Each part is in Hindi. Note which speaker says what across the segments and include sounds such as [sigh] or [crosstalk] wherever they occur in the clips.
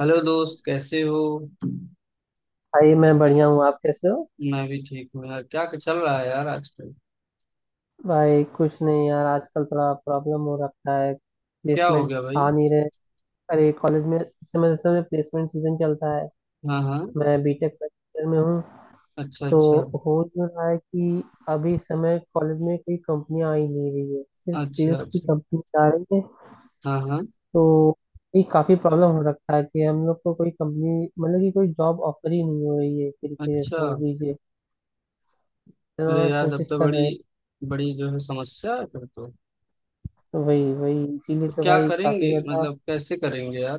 Speaker 1: हेलो दोस्त, कैसे हो?
Speaker 2: भाई, मैं बढ़िया हूँ। आप कैसे हो?
Speaker 1: मैं भी ठीक हूँ यार। क्या चल रहा है यार आजकल?
Speaker 2: भाई कुछ नहीं यार, आजकल थोड़ा प्रॉब्लम हो रखा है।
Speaker 1: क्या हो
Speaker 2: प्लेसमेंट
Speaker 1: गया भाई?
Speaker 2: आ नहीं रहे। अरे कॉलेज में इस समय समय प्लेसमेंट सीजन चलता है।
Speaker 1: हाँ हाँ।
Speaker 2: मैं बीटेक फर्स्ट ईयर में हूँ।
Speaker 1: अच्छा
Speaker 2: तो
Speaker 1: अच्छा।
Speaker 2: हो जो रहा है कि अभी इस समय कॉलेज में कोई कंपनियां आ ही नहीं रही है, सिर्फ
Speaker 1: अच्छा
Speaker 2: सेल्स की
Speaker 1: अच्छा।
Speaker 2: कंपनी आ रही है।
Speaker 1: हाँ हाँ।
Speaker 2: तो ये काफी प्रॉब्लम हो रखा है कि हम लोग को कोई कंपनी, मतलब कि कोई जॉब ऑफर ही नहीं हो रही है, एक तरीके से
Speaker 1: अच्छा।
Speaker 2: समझ लीजिए।
Speaker 1: अरे
Speaker 2: इतना
Speaker 1: यार, तब
Speaker 2: कोशिश
Speaker 1: तो
Speaker 2: कर
Speaker 1: बड़ी
Speaker 2: रहे हैं।
Speaker 1: बड़ी जो है समस्या है फिर तो।
Speaker 2: तो वही वही इसीलिए
Speaker 1: तो
Speaker 2: तो
Speaker 1: क्या
Speaker 2: भाई काफी
Speaker 1: करेंगे,
Speaker 2: ज्यादा।
Speaker 1: मतलब कैसे करेंगे यार?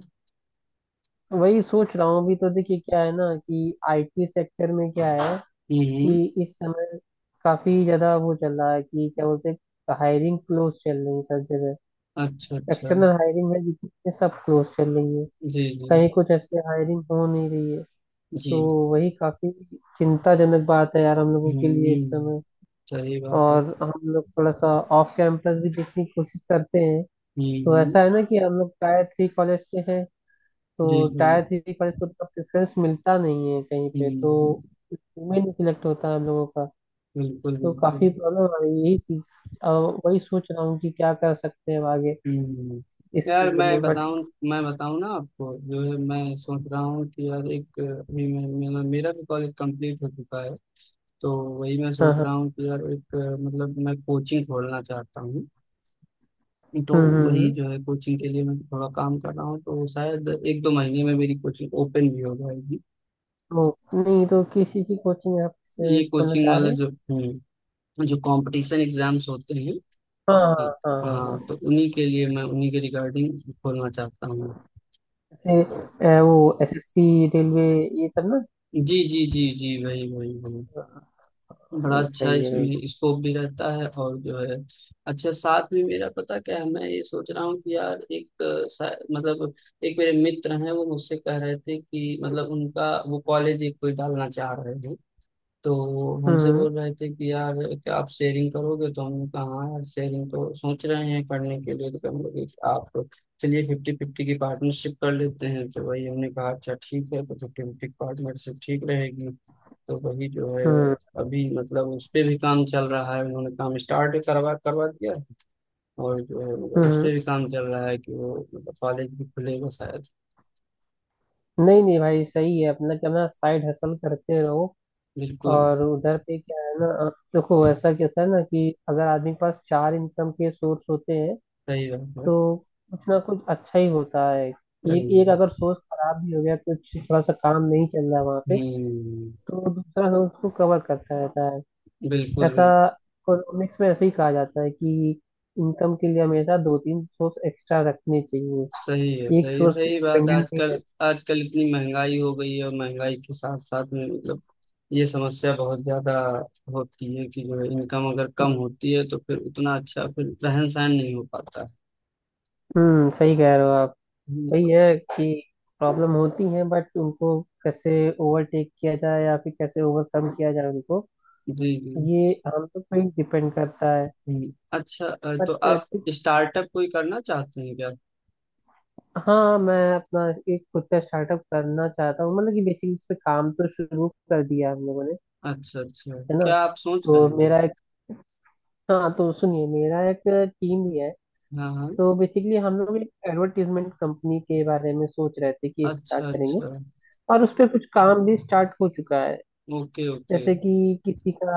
Speaker 2: वही सोच रहा हूँ। अभी तो देखिए क्या है ना कि आईटी सेक्टर में क्या है
Speaker 1: हम्म।
Speaker 2: कि इस समय काफी ज्यादा वो चल रहा है कि क्या बोलते हैं, हायरिंग क्लोज चल रही है सब जगह।
Speaker 1: अच्छा अच्छा।
Speaker 2: एक्सटर्नल हायरिंग है जितनी है, सब क्लोज चल रही है।
Speaker 1: जी जी
Speaker 2: कहीं कुछ ऐसे हायरिंग हो नहीं रही है।
Speaker 1: जी।
Speaker 2: तो वही काफी चिंताजनक बात है यार हम लोगों
Speaker 1: हम्म
Speaker 2: के लिए इस
Speaker 1: हम्म।
Speaker 2: समय।
Speaker 1: सही बात है।
Speaker 2: और हम लोग थोड़ा सा ऑफ कैंपस भी देखने की कोशिश करते हैं। तो
Speaker 1: हम्म।
Speaker 2: ऐसा है ना कि हम लोग टायर थ्री कॉलेज से हैं,
Speaker 1: जी
Speaker 2: तो
Speaker 1: जी।
Speaker 2: टायर थ्री पर इसको उतना प्रेफरेंस मिलता नहीं है कहीं पे।
Speaker 1: हम्म हम्म।
Speaker 2: तो इसमें नहीं सिलेक्ट होता है हम लोगों का।
Speaker 1: बिल्कुल
Speaker 2: तो
Speaker 1: बिल्कुल।
Speaker 2: काफी प्रॉब्लम आ रही है यही चीज। अब वही सोच रहा हूँ कि क्या कर सकते हैं अब आगे
Speaker 1: हम्म।
Speaker 2: इस
Speaker 1: यार
Speaker 2: फील्ड
Speaker 1: मैं
Speaker 2: में, बट।
Speaker 1: बताऊं, मैं बताऊं ना आपको, जो है मैं सोच रहा हूँ कि यार एक अभी मैं, मेरा मेरा भी कॉलेज कंप्लीट हो चुका है। तो वही मैं
Speaker 2: हाँ,
Speaker 1: सोच
Speaker 2: हाँ।
Speaker 1: रहा हूँ कि यार एक मतलब मैं कोचिंग खोलना चाहता हूँ। तो
Speaker 2: हम्म, हम्म,
Speaker 1: वही
Speaker 2: हम्म।
Speaker 1: जो है, कोचिंग के लिए मैं थोड़ा काम कर रहा हूँ, तो शायद एक दो महीने में मेरी कोचिंग ओपन भी हो जाएगी।
Speaker 2: तो नहीं तो किसी की कोचिंग आप से
Speaker 1: ये
Speaker 2: खोलना
Speaker 1: कोचिंग
Speaker 2: चाह
Speaker 1: वाले
Speaker 2: रहे हैं?
Speaker 1: जो, जो कंपटीशन एग्जाम्स होते हैं,
Speaker 2: हाँ,
Speaker 1: हाँ
Speaker 2: हाँ, हाँ, हाँ,
Speaker 1: हाँ, तो
Speaker 2: हाँ।
Speaker 1: उन्हीं के लिए मैं उन्हीं के रिगार्डिंग खोलना चाहता हूँ।
Speaker 2: जैसे
Speaker 1: तो
Speaker 2: वो एसएससी रेलवे, ये सब ना।
Speaker 1: जी जी जी जी, वही वही वही। बड़ा
Speaker 2: हाँ,
Speaker 1: अच्छा,
Speaker 2: सही है भाई।
Speaker 1: इसमें स्कोप भी रहता है और जो है। अच्छा साथ में मेरा पता क्या है, मैं ये सोच रहा हूँ कि यार एक अ, सा- मतलब एक मेरे मित्र हैं, वो मुझसे कह रहे थे कि मतलब उनका वो कॉलेज एक कोई डालना चाह रहे हैं। तो हमसे
Speaker 2: हम्म,
Speaker 1: बोल रहे थे कि यार क्या आप शेयरिंग करोगे, तो हमने कहा हाँ यार शेयरिंग तो सोच रहे हैं करने के लिए, तो हम लोग आप चलिए फिफ्टी फिफ्टी की पार्टनरशिप कर लेते हैं। तो वही हमने कहा अच्छा ठीक है, तो फिफ्टी फिफ्टी पार्टनरशिप ठीक रहेगी। तो वही जो है,
Speaker 2: हम्म,
Speaker 1: अभी मतलब उस पे भी काम चल रहा है, उन्होंने काम स्टार्ट करवा करवा दिया है। और जो है, मतलब
Speaker 2: हम्म,
Speaker 1: उस
Speaker 2: हम्म।
Speaker 1: पे भी काम चल रहा है कि वो मतलब कॉलेज भी खुलेगा शायद।
Speaker 2: नहीं नहीं भाई सही है, अपना क्या ना, साइड हसल करते रहो।
Speaker 1: बिल्कुल।
Speaker 2: और उधर पे क्या है ना, देखो ऐसा क्या होता है ना कि अगर आदमी के पास चार इनकम के सोर्स होते हैं
Speaker 1: सही बात है।
Speaker 2: तो कुछ ना कुछ अच्छा ही होता है। एक
Speaker 1: सही
Speaker 2: एक अगर
Speaker 1: है।
Speaker 2: सोर्स खराब भी हो गया, कुछ थोड़ा सा काम नहीं चल रहा वहाँ पे,
Speaker 1: हम्म।
Speaker 2: तो दूसरा सोर्स उसको कवर करता रहता है।
Speaker 1: बिल्कुल
Speaker 2: ऐसा
Speaker 1: बिल्कुल।
Speaker 2: इकोनॉमिक्स में ऐसे ही कहा जाता है कि इनकम के लिए हमेशा दो तीन सोर्स एक्स्ट्रा रखने चाहिए,
Speaker 1: सही है
Speaker 2: एक
Speaker 1: सही है,
Speaker 2: सोर्स पे
Speaker 1: सही बात है।
Speaker 2: डिपेंडेंट नहीं
Speaker 1: आजकल आजकल इतनी महंगाई हो गई है, और महंगाई के साथ साथ में मतलब ये समस्या बहुत ज्यादा होती है कि जो है इनकम अगर कम
Speaker 2: रहना।
Speaker 1: होती है तो फिर उतना अच्छा फिर रहन सहन नहीं हो पाता।
Speaker 2: हम्म, सही कह रहे हो आप। वही
Speaker 1: तो-
Speaker 2: है कि प्रॉब्लम होती है, बट उनको कैसे ओवरटेक किया जाए या फिर कैसे ओवरकम किया जाए उनको,
Speaker 1: जी जी।
Speaker 2: ये हम लोग पे ही डिपेंड करता है।
Speaker 1: अच्छा, तो
Speaker 2: बट
Speaker 1: आप
Speaker 2: ठीक।
Speaker 1: स्टार्टअप कोई करना चाहते हैं क्या?
Speaker 2: हाँ मैं अपना एक खुद का स्टार्टअप करना चाहता हूँ, मतलब कि बेसिकली इस पे काम तो शुरू कर दिया हम लोगों ने,
Speaker 1: अच्छा अच्छा,
Speaker 2: है ना।
Speaker 1: क्या आप सोच
Speaker 2: तो
Speaker 1: रहे हैं?
Speaker 2: मेरा एक, हाँ तो सुनिए मेरा एक टीम भी है।
Speaker 1: हाँ हाँ।
Speaker 2: तो बेसिकली हम लोग एक एडवर्टीजमेंट कंपनी के बारे में सोच रहे थे कि स्टार्ट
Speaker 1: अच्छा
Speaker 2: करेंगे।
Speaker 1: अच्छा।
Speaker 2: और उस पे कुछ काम भी स्टार्ट हो चुका है।
Speaker 1: Okay okay.
Speaker 2: जैसे कि किसी का,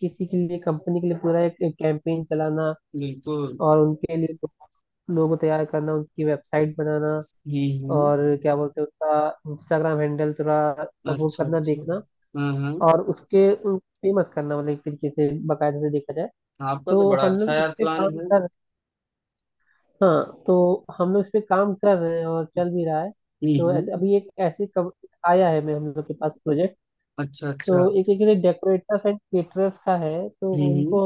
Speaker 2: किसी के लिए कंपनी के लिए पूरा एक कैंपेन चलाना,
Speaker 1: बिल्कुल।
Speaker 2: और उनके लिए लोगो तैयार करना, उनकी वेबसाइट बनाना,
Speaker 1: हम्म।
Speaker 2: और क्या बोलते हैं उसका इंस्टाग्राम हैंडल थोड़ा, सब वो
Speaker 1: अच्छा
Speaker 2: करना
Speaker 1: अच्छा।
Speaker 2: देखना,
Speaker 1: हाँ हाँ।
Speaker 2: और उसके उन फेमस करना, मतलब एक तरीके से बाकायदे से देखा जाए।
Speaker 1: आपका तो
Speaker 2: तो
Speaker 1: बड़ा
Speaker 2: हम
Speaker 1: अच्छा
Speaker 2: लोग
Speaker 1: यार
Speaker 2: इस पे
Speaker 1: प्लान
Speaker 2: काम
Speaker 1: है।
Speaker 2: कर। हाँ तो हम लोग इस पे काम कर रहे हैं और चल भी रहा है।
Speaker 1: हुँ,
Speaker 2: तो
Speaker 1: हुँ।
Speaker 2: ऐसे अभी एक ऐसे आया है मैं हम लोग के पास प्रोजेक्ट।
Speaker 1: अच्छा, अच्छा।
Speaker 2: तो एक एक डेकोरेटर्स एंड केटरर्स का है। तो
Speaker 1: हुँ,
Speaker 2: उनको,
Speaker 1: हुँ।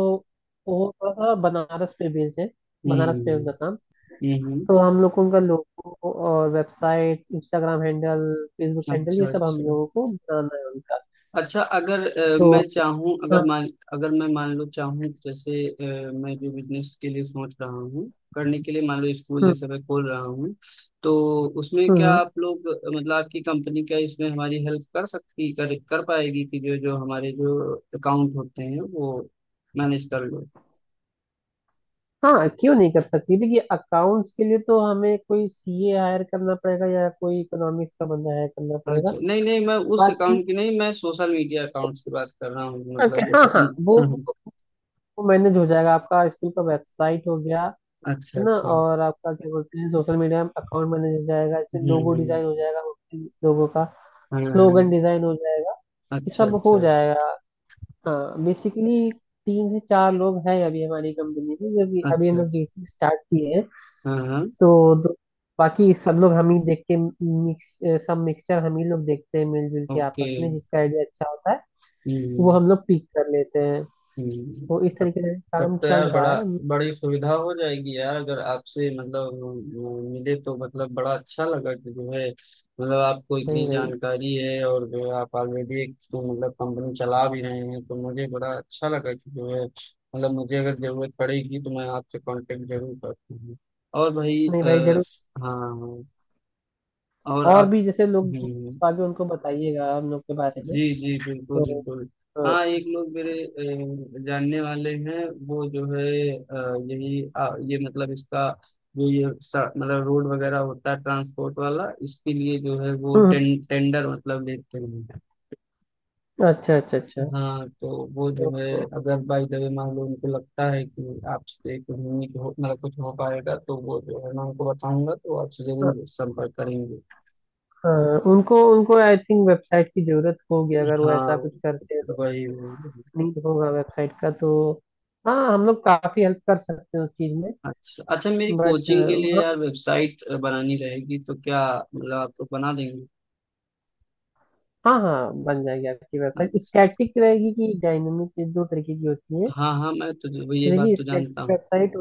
Speaker 2: वो थोड़ा सा बनारस पे बेस्ड है, बनारस पे
Speaker 1: हुँ,
Speaker 2: उनका काम।
Speaker 1: हुँ, हुँ।
Speaker 2: तो हम लोग को उनका लोगो और website, Instagram handle, Facebook handle,
Speaker 1: अच्छा,
Speaker 2: ये सब हम
Speaker 1: अच्छा।
Speaker 2: लोगों को बनाना है उनका।
Speaker 1: अच्छा अगर
Speaker 2: तो
Speaker 1: मैं चाहूँ,
Speaker 2: हाँ।
Speaker 1: अगर मान, अगर मैं मान लो चाहूँ, जैसे मैं जो बिज़नेस के लिए सोच रहा हूँ, करने के लिए मान लो स्कूल
Speaker 2: हम्म,
Speaker 1: जैसे मैं खोल रहा हूँ, तो उसमें क्या
Speaker 2: हम्म।
Speaker 1: आप लोग, मतलब आपकी कंपनी, क्या इसमें हमारी हेल्प कर सकती, कर कर पाएगी कि जो जो हमारे जो अकाउंट होते हैं वो मैनेज कर लो?
Speaker 2: हाँ क्यों नहीं कर सकती, देखिए अकाउंट्स के लिए तो हमें कोई सीए हायर करना पड़ेगा या कोई इकोनॉमिक्स का बंदा हायर करना पड़ेगा।
Speaker 1: अच्छा नहीं नहीं, मैं उस
Speaker 2: बाकी
Speaker 1: अकाउंट की नहीं, मैं सोशल मीडिया अकाउंट्स की बात कर रहा हूँ,
Speaker 2: okay,
Speaker 1: मतलब
Speaker 2: हाँ
Speaker 1: जैसे
Speaker 2: हाँ,
Speaker 1: [laughs]
Speaker 2: वो,
Speaker 1: हाँ,
Speaker 2: वो मैनेज हो जाएगा, आपका स्कूल का वेबसाइट हो गया,
Speaker 1: हाँ, अच्छा
Speaker 2: है ना,
Speaker 1: अच्छा।
Speaker 2: और आपका क्या बोलते हैं सोशल मीडिया अकाउंट मैनेज हो जाएगा, इससे लोगो
Speaker 1: हम्म।
Speaker 2: डिजाइन हो जाएगा, लोगों का
Speaker 1: हाँ हाँ,
Speaker 2: स्लोगन डिजाइन हो जाएगा, ये
Speaker 1: अच्छा
Speaker 2: सब हो
Speaker 1: अच्छा।
Speaker 2: जाएगा। हाँ बेसिकली तीन से चार लोग हैं अभी हमारी कंपनी में, जो कि अभी हम
Speaker 1: अच्छा
Speaker 2: लोग
Speaker 1: अच्छा।
Speaker 2: बेसिक स्टार्ट किए हैं।
Speaker 1: हाँ हाँ।
Speaker 2: तो, बाकी सब लोग हम ही देख के, मिक्स सब मिक्सचर हम ही लोग देखते हैं मिलजुल के
Speaker 1: ओके।
Speaker 2: आपस में, जिसका आइडिया अच्छा होता है वो
Speaker 1: हम्म
Speaker 2: हम लोग पिक कर लेते हैं।
Speaker 1: हम्म,
Speaker 2: तो इस
Speaker 1: तब
Speaker 2: तरीके से
Speaker 1: तब
Speaker 2: काम
Speaker 1: तो
Speaker 2: चल
Speaker 1: यार
Speaker 2: रहा
Speaker 1: बड़ा,
Speaker 2: है।
Speaker 1: बड़ी सुविधा हो जाएगी यार। अगर आपसे मतलब मिले तो, मतलब बड़ा अच्छा लगा कि जो है, मतलब आपको
Speaker 2: नहीं
Speaker 1: इतनी
Speaker 2: भाई,
Speaker 1: जानकारी है और जो है, आप ऑलरेडी एक तो मतलब कंपनी चला भी रहे हैं, तो मुझे बड़ा अच्छा लगा कि जो है, मतलब मुझे अगर जरूरत पड़ेगी तो मैं आपसे कांटेक्ट जरूर करती हूँ। और भाई
Speaker 2: नहीं भाई जरूर,
Speaker 1: हाँ, और
Speaker 2: और
Speaker 1: आप।
Speaker 2: भी जैसे लोग
Speaker 1: हम्म।
Speaker 2: आगे उनको बताइएगा हम लोग के बारे
Speaker 1: जी
Speaker 2: में।
Speaker 1: जी बिल्कुल
Speaker 2: तो
Speaker 1: बिल्कुल।
Speaker 2: हाँ।
Speaker 1: हाँ, एक लोग मेरे जानने वाले हैं, वो जो है अ, यही आ, ये मतलब इसका जो ये मतलब रोड वगैरह होता है, ट्रांसपोर्ट वाला, इसके लिए जो है वो
Speaker 2: हम्म,
Speaker 1: टेंडर मतलब लेते हैं।
Speaker 2: अच्छा, अच्छा, अच्छा।
Speaker 1: हाँ, तो वो जो है,
Speaker 2: तो
Speaker 1: अगर बाई द वे मान लो उनको लगता है कि आपसे कुछ, नहीं हो मतलब कुछ हो पाएगा, तो वो जो है मैं उनको बताऊंगा तो आपसे
Speaker 2: हाँ,
Speaker 1: जरूर संपर्क करेंगे।
Speaker 2: हाँ, उनको उनको आई थिंक वेबसाइट की जरूरत होगी अगर वो
Speaker 1: हाँ,
Speaker 2: ऐसा कुछ करते हैं तो।
Speaker 1: वही वही।
Speaker 2: नीड होगा वेबसाइट का, तो हाँ हम लोग काफी हेल्प कर सकते हैं उस चीज में।
Speaker 1: अच्छा अच्छा, मेरी
Speaker 2: बट
Speaker 1: कोचिंग के लिए
Speaker 2: हाँ,
Speaker 1: यार वेबसाइट बनानी रहेगी, तो क्या मतलब आप लोग बना देंगे?
Speaker 2: हाँ हाँ बन जाएगी आपकी वेबसाइट,
Speaker 1: अच्छा,
Speaker 2: स्टैटिक रहेगी कि डायनामिक, दो तरीके की होती है।
Speaker 1: हाँ हाँ, मैं तो वो ये बात
Speaker 2: देखिए
Speaker 1: तो
Speaker 2: स्टैटिक
Speaker 1: जानता हूँ।
Speaker 2: वेबसाइट,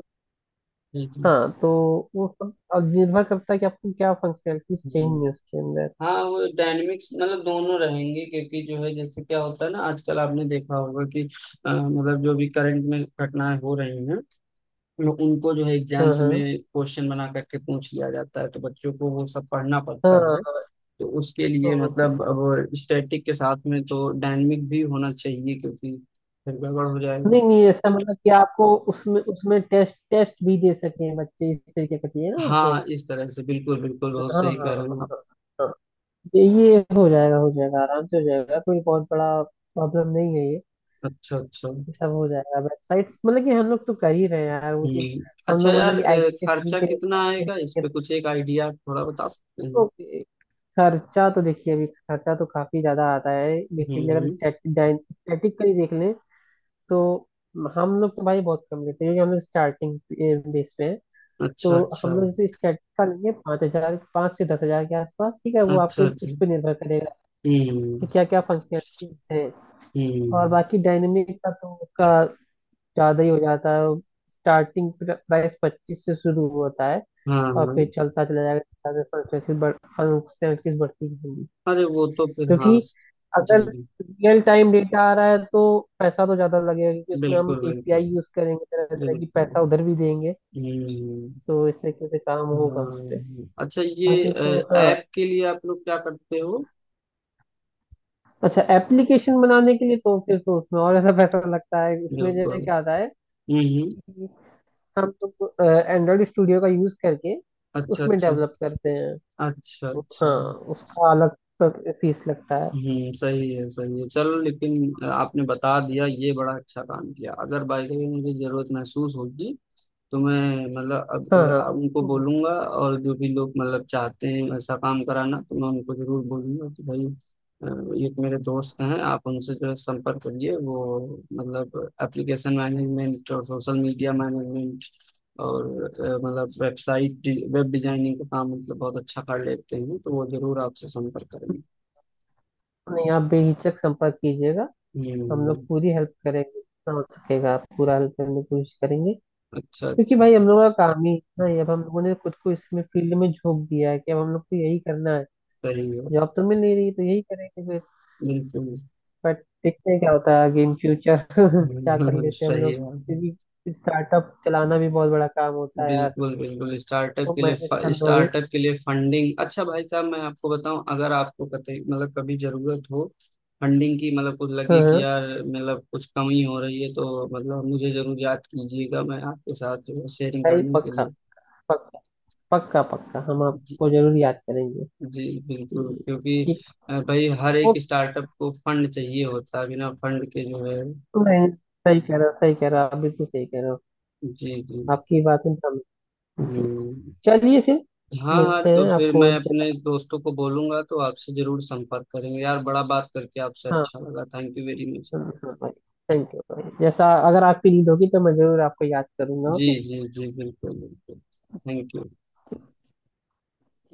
Speaker 1: ठीक है।
Speaker 2: हाँ तो वो सब अब निर्भर करता है कि आपको क्या फंक्शनैलिटीज चाहिए
Speaker 1: हम्म।
Speaker 2: उसके अंदर।
Speaker 1: हाँ, वो डायनेमिक्स मतलब दोनों रहेंगे, क्योंकि जो है जैसे क्या होता है ना, आजकल आपने देखा होगा कि मतलब जो भी करंट में घटनाएं हो रही हैं, उनको जो है
Speaker 2: हाँ,
Speaker 1: एग्जाम्स
Speaker 2: हाँ,
Speaker 1: में क्वेश्चन बना करके पूछ लिया जाता है, तो बच्चों को वो सब पढ़ना पड़ता है।
Speaker 2: हाँ।
Speaker 1: तो उसके लिए
Speaker 2: ओके।
Speaker 1: मतलब अब स्टैटिक के साथ में तो डायनेमिक भी होना चाहिए, क्योंकि फिर गड़बड़ हो जाएगा।
Speaker 2: नहीं नहीं ऐसा, मतलब कि आपको उसमें उसमें टेस्ट टेस्ट भी दे सके बच्चे, इस तरीके का चाहिए ना आपको।
Speaker 1: हाँ, इस तरह से, बिल्कुल बिल्कुल, बहुत
Speaker 2: हाँ, हाँ,
Speaker 1: सही कह रहे हैं आप।
Speaker 2: हाँ, हाँ। ये हो जाएगा, हो जाएगा आराम से हो जाएगा, कोई बहुत बड़ा प्रॉब्लम नहीं है ये।
Speaker 1: अच्छा अच्छा।
Speaker 2: ये सब हो जाएगा, वेबसाइट्स मतलब कि हम लोग तो कर ही रहे हैं यार वो चीज।
Speaker 1: हम्म।
Speaker 2: हम
Speaker 1: अच्छा
Speaker 2: लोग
Speaker 1: यार,
Speaker 2: मतलब कि आईटी के फील्ड
Speaker 1: खर्चा
Speaker 2: के
Speaker 1: कितना आएगा इस पे,
Speaker 2: responsibility।
Speaker 1: कुछ एक आइडिया थोड़ा बता सकते
Speaker 2: तो
Speaker 1: हैं?
Speaker 2: खर्चा तो देखिए, अभी खर्चा तो काफी ज्यादा आता है, बेसिकली अगर
Speaker 1: हम्म।
Speaker 2: स्टैटिक, स्टैटिक का ही देख लें, तो हम लोग तो भाई बहुत कम लेते हैं क्योंकि हम लोग स्टार्टिंग बेस पे हैं। तो
Speaker 1: अच्छा अच्छा।
Speaker 2: हम लोग जैसे स्टार्ट का लेंगे 5 हजार, 5 से 10 हजार के आसपास, ठीक है, वो
Speaker 1: अच्छा
Speaker 2: आपके
Speaker 1: अच्छा।
Speaker 2: उस पर निर्भर करेगा कि
Speaker 1: हम्म
Speaker 2: क्या क्या फंक्शनलिटीज हैं। और
Speaker 1: हम्म।
Speaker 2: बाकी डायनेमिक का तो उसका ज्यादा ही हो जाता है, स्टार्टिंग प्राइस 25 से शुरू होता है
Speaker 1: हाँ
Speaker 2: और
Speaker 1: हाँ।
Speaker 2: फिर चलता चला जाएगा, फंक्शनलिटीज बढ़ती रहेंगी
Speaker 1: अरे वो तो फिर, हाँ,
Speaker 2: क्योंकि अगर
Speaker 1: जी जी,
Speaker 2: रियल टाइम डेटा आ रहा है तो पैसा तो ज्यादा लगेगा, क्योंकि उसमें हम
Speaker 1: बिल्कुल
Speaker 2: एपीआई
Speaker 1: बिल्कुल।
Speaker 2: यूज करेंगे तरह तरह की,
Speaker 1: बिल्कुल।
Speaker 2: पैसा उधर भी देंगे।
Speaker 1: हम्म
Speaker 2: तो इस तरीके से काम होगा उस पे।
Speaker 1: अच्छा ये
Speaker 2: बाकी तो हाँ।
Speaker 1: ऐप के लिए आप लोग क्या करते हो?
Speaker 2: अच्छा एप्लीकेशन बनाने के लिए तो फिर तो उसमें और ऐसा पैसा लगता है, इसमें जो है
Speaker 1: बिल्कुल।
Speaker 2: क्या आता है
Speaker 1: हम्म।
Speaker 2: कि हम लोग एंड्रॉइड स्टूडियो का यूज करके
Speaker 1: अच्छा
Speaker 2: उसमें
Speaker 1: अच्छा।
Speaker 2: डेवलप करते हैं।
Speaker 1: अच्छा
Speaker 2: तो
Speaker 1: अच्छा।
Speaker 2: हाँ, उसका अलग फीस लगता है।
Speaker 1: हम्म, सही है सही है। चलो लेकिन आपने बता दिया ये बड़ा अच्छा काम किया। अगर बाई द वे मुझे जरूरत महसूस होगी तो मैं मतलब अब
Speaker 2: हाँ, हाँ।
Speaker 1: उनको
Speaker 2: हम्म।
Speaker 1: बोलूंगा, और जो भी लोग मतलब चाहते हैं ऐसा काम कराना तो मैं उनको जरूर बोलूंगा कि भाई, एक मेरे दोस्त हैं, आप उनसे जो है संपर्क करिए, वो मतलब एप्लीकेशन मैनेजमेंट और सोशल मीडिया मैनेजमेंट और मतलब वेबसाइट, वेब डिजाइनिंग का काम मतलब बहुत अच्छा कर लेते हैं, तो वो जरूर आपसे संपर्क करेंगे।
Speaker 2: नहीं आप बेहिचक संपर्क कीजिएगा, हम लोग
Speaker 1: हम्म।
Speaker 2: पूरी हेल्प करेंगे जितना हो सकेगा, आप पूरा हेल्प करने की कोशिश करेंगे
Speaker 1: अच्छा
Speaker 2: क्योंकि
Speaker 1: अच्छा।
Speaker 2: भाई हम लोगों का काम ही इतना ही है। ना, अब हम लोगों ने खुद को इसमें फील्ड में झोंक दिया है कि अब हम लोग को यही करना है,
Speaker 1: सही है।
Speaker 2: जॉब तो मिल नहीं रही तो यही करेंगे फिर।
Speaker 1: बिल्कुल।
Speaker 2: बट देखते हैं क्या होता है आगे इन फ्यूचर [laughs] क्या कर
Speaker 1: [laughs]
Speaker 2: लेते हैं हम
Speaker 1: सही
Speaker 2: लोग,
Speaker 1: है।
Speaker 2: क्योंकि स्टार्टअप चलाना भी बहुत बड़ा काम होता है यार,
Speaker 1: बिल्कुल बिल्कुल। स्टार्टअप
Speaker 2: वो
Speaker 1: के
Speaker 2: मैनेज
Speaker 1: लिए
Speaker 2: करना भी।
Speaker 1: स्टार्टअप के लिए फंडिंग, अच्छा भाई साहब मैं आपको बताऊं, अगर आपको कतई मतलब कभी जरूरत हो फंडिंग की, मतलब कुछ
Speaker 2: हाँ,
Speaker 1: लगे कि
Speaker 2: हाँ
Speaker 1: यार मतलब कुछ कमी हो रही है, तो मतलब मुझे जरूर याद कीजिएगा, मैं आपके साथ शेयरिंग
Speaker 2: भाई,
Speaker 1: करने के
Speaker 2: पक्का
Speaker 1: लिए।
Speaker 2: पक्का पक्का पक्का हम
Speaker 1: जी
Speaker 2: आपको जरूर याद करेंगे।
Speaker 1: जी बिल्कुल, क्योंकि
Speaker 2: ठीक।
Speaker 1: भाई हर एक
Speaker 2: ओके।
Speaker 1: स्टार्टअप को फंड चाहिए होता है, बिना फंड के जो है।
Speaker 2: सही कह रहे हो, सही कह रहे हो आप, बिल्कुल सही कह रहे हो।
Speaker 1: जी जी।
Speaker 2: आपकी बात हम समझ। जी।
Speaker 1: हम्म।
Speaker 2: चलिए फिर
Speaker 1: हाँ हाँ,
Speaker 2: मिलते
Speaker 1: तो
Speaker 2: हैं
Speaker 1: फिर
Speaker 2: आपको,
Speaker 1: मैं अपने
Speaker 2: जैसा,
Speaker 1: दोस्तों को बोलूंगा तो आपसे जरूर संपर्क करेंगे। यार बड़ा, बात करके आपसे
Speaker 2: हाँ,
Speaker 1: अच्छा लगा, थैंक यू वेरी मच।
Speaker 2: हाँ, हाँ भाई, थैंक यू भाई, जैसा अगर आप फ्री होगी तो मैं जरूर आपको याद करूंगा।
Speaker 1: जी
Speaker 2: ओके।
Speaker 1: जी जी, बिल्कुल बिल्कुल। Thank you.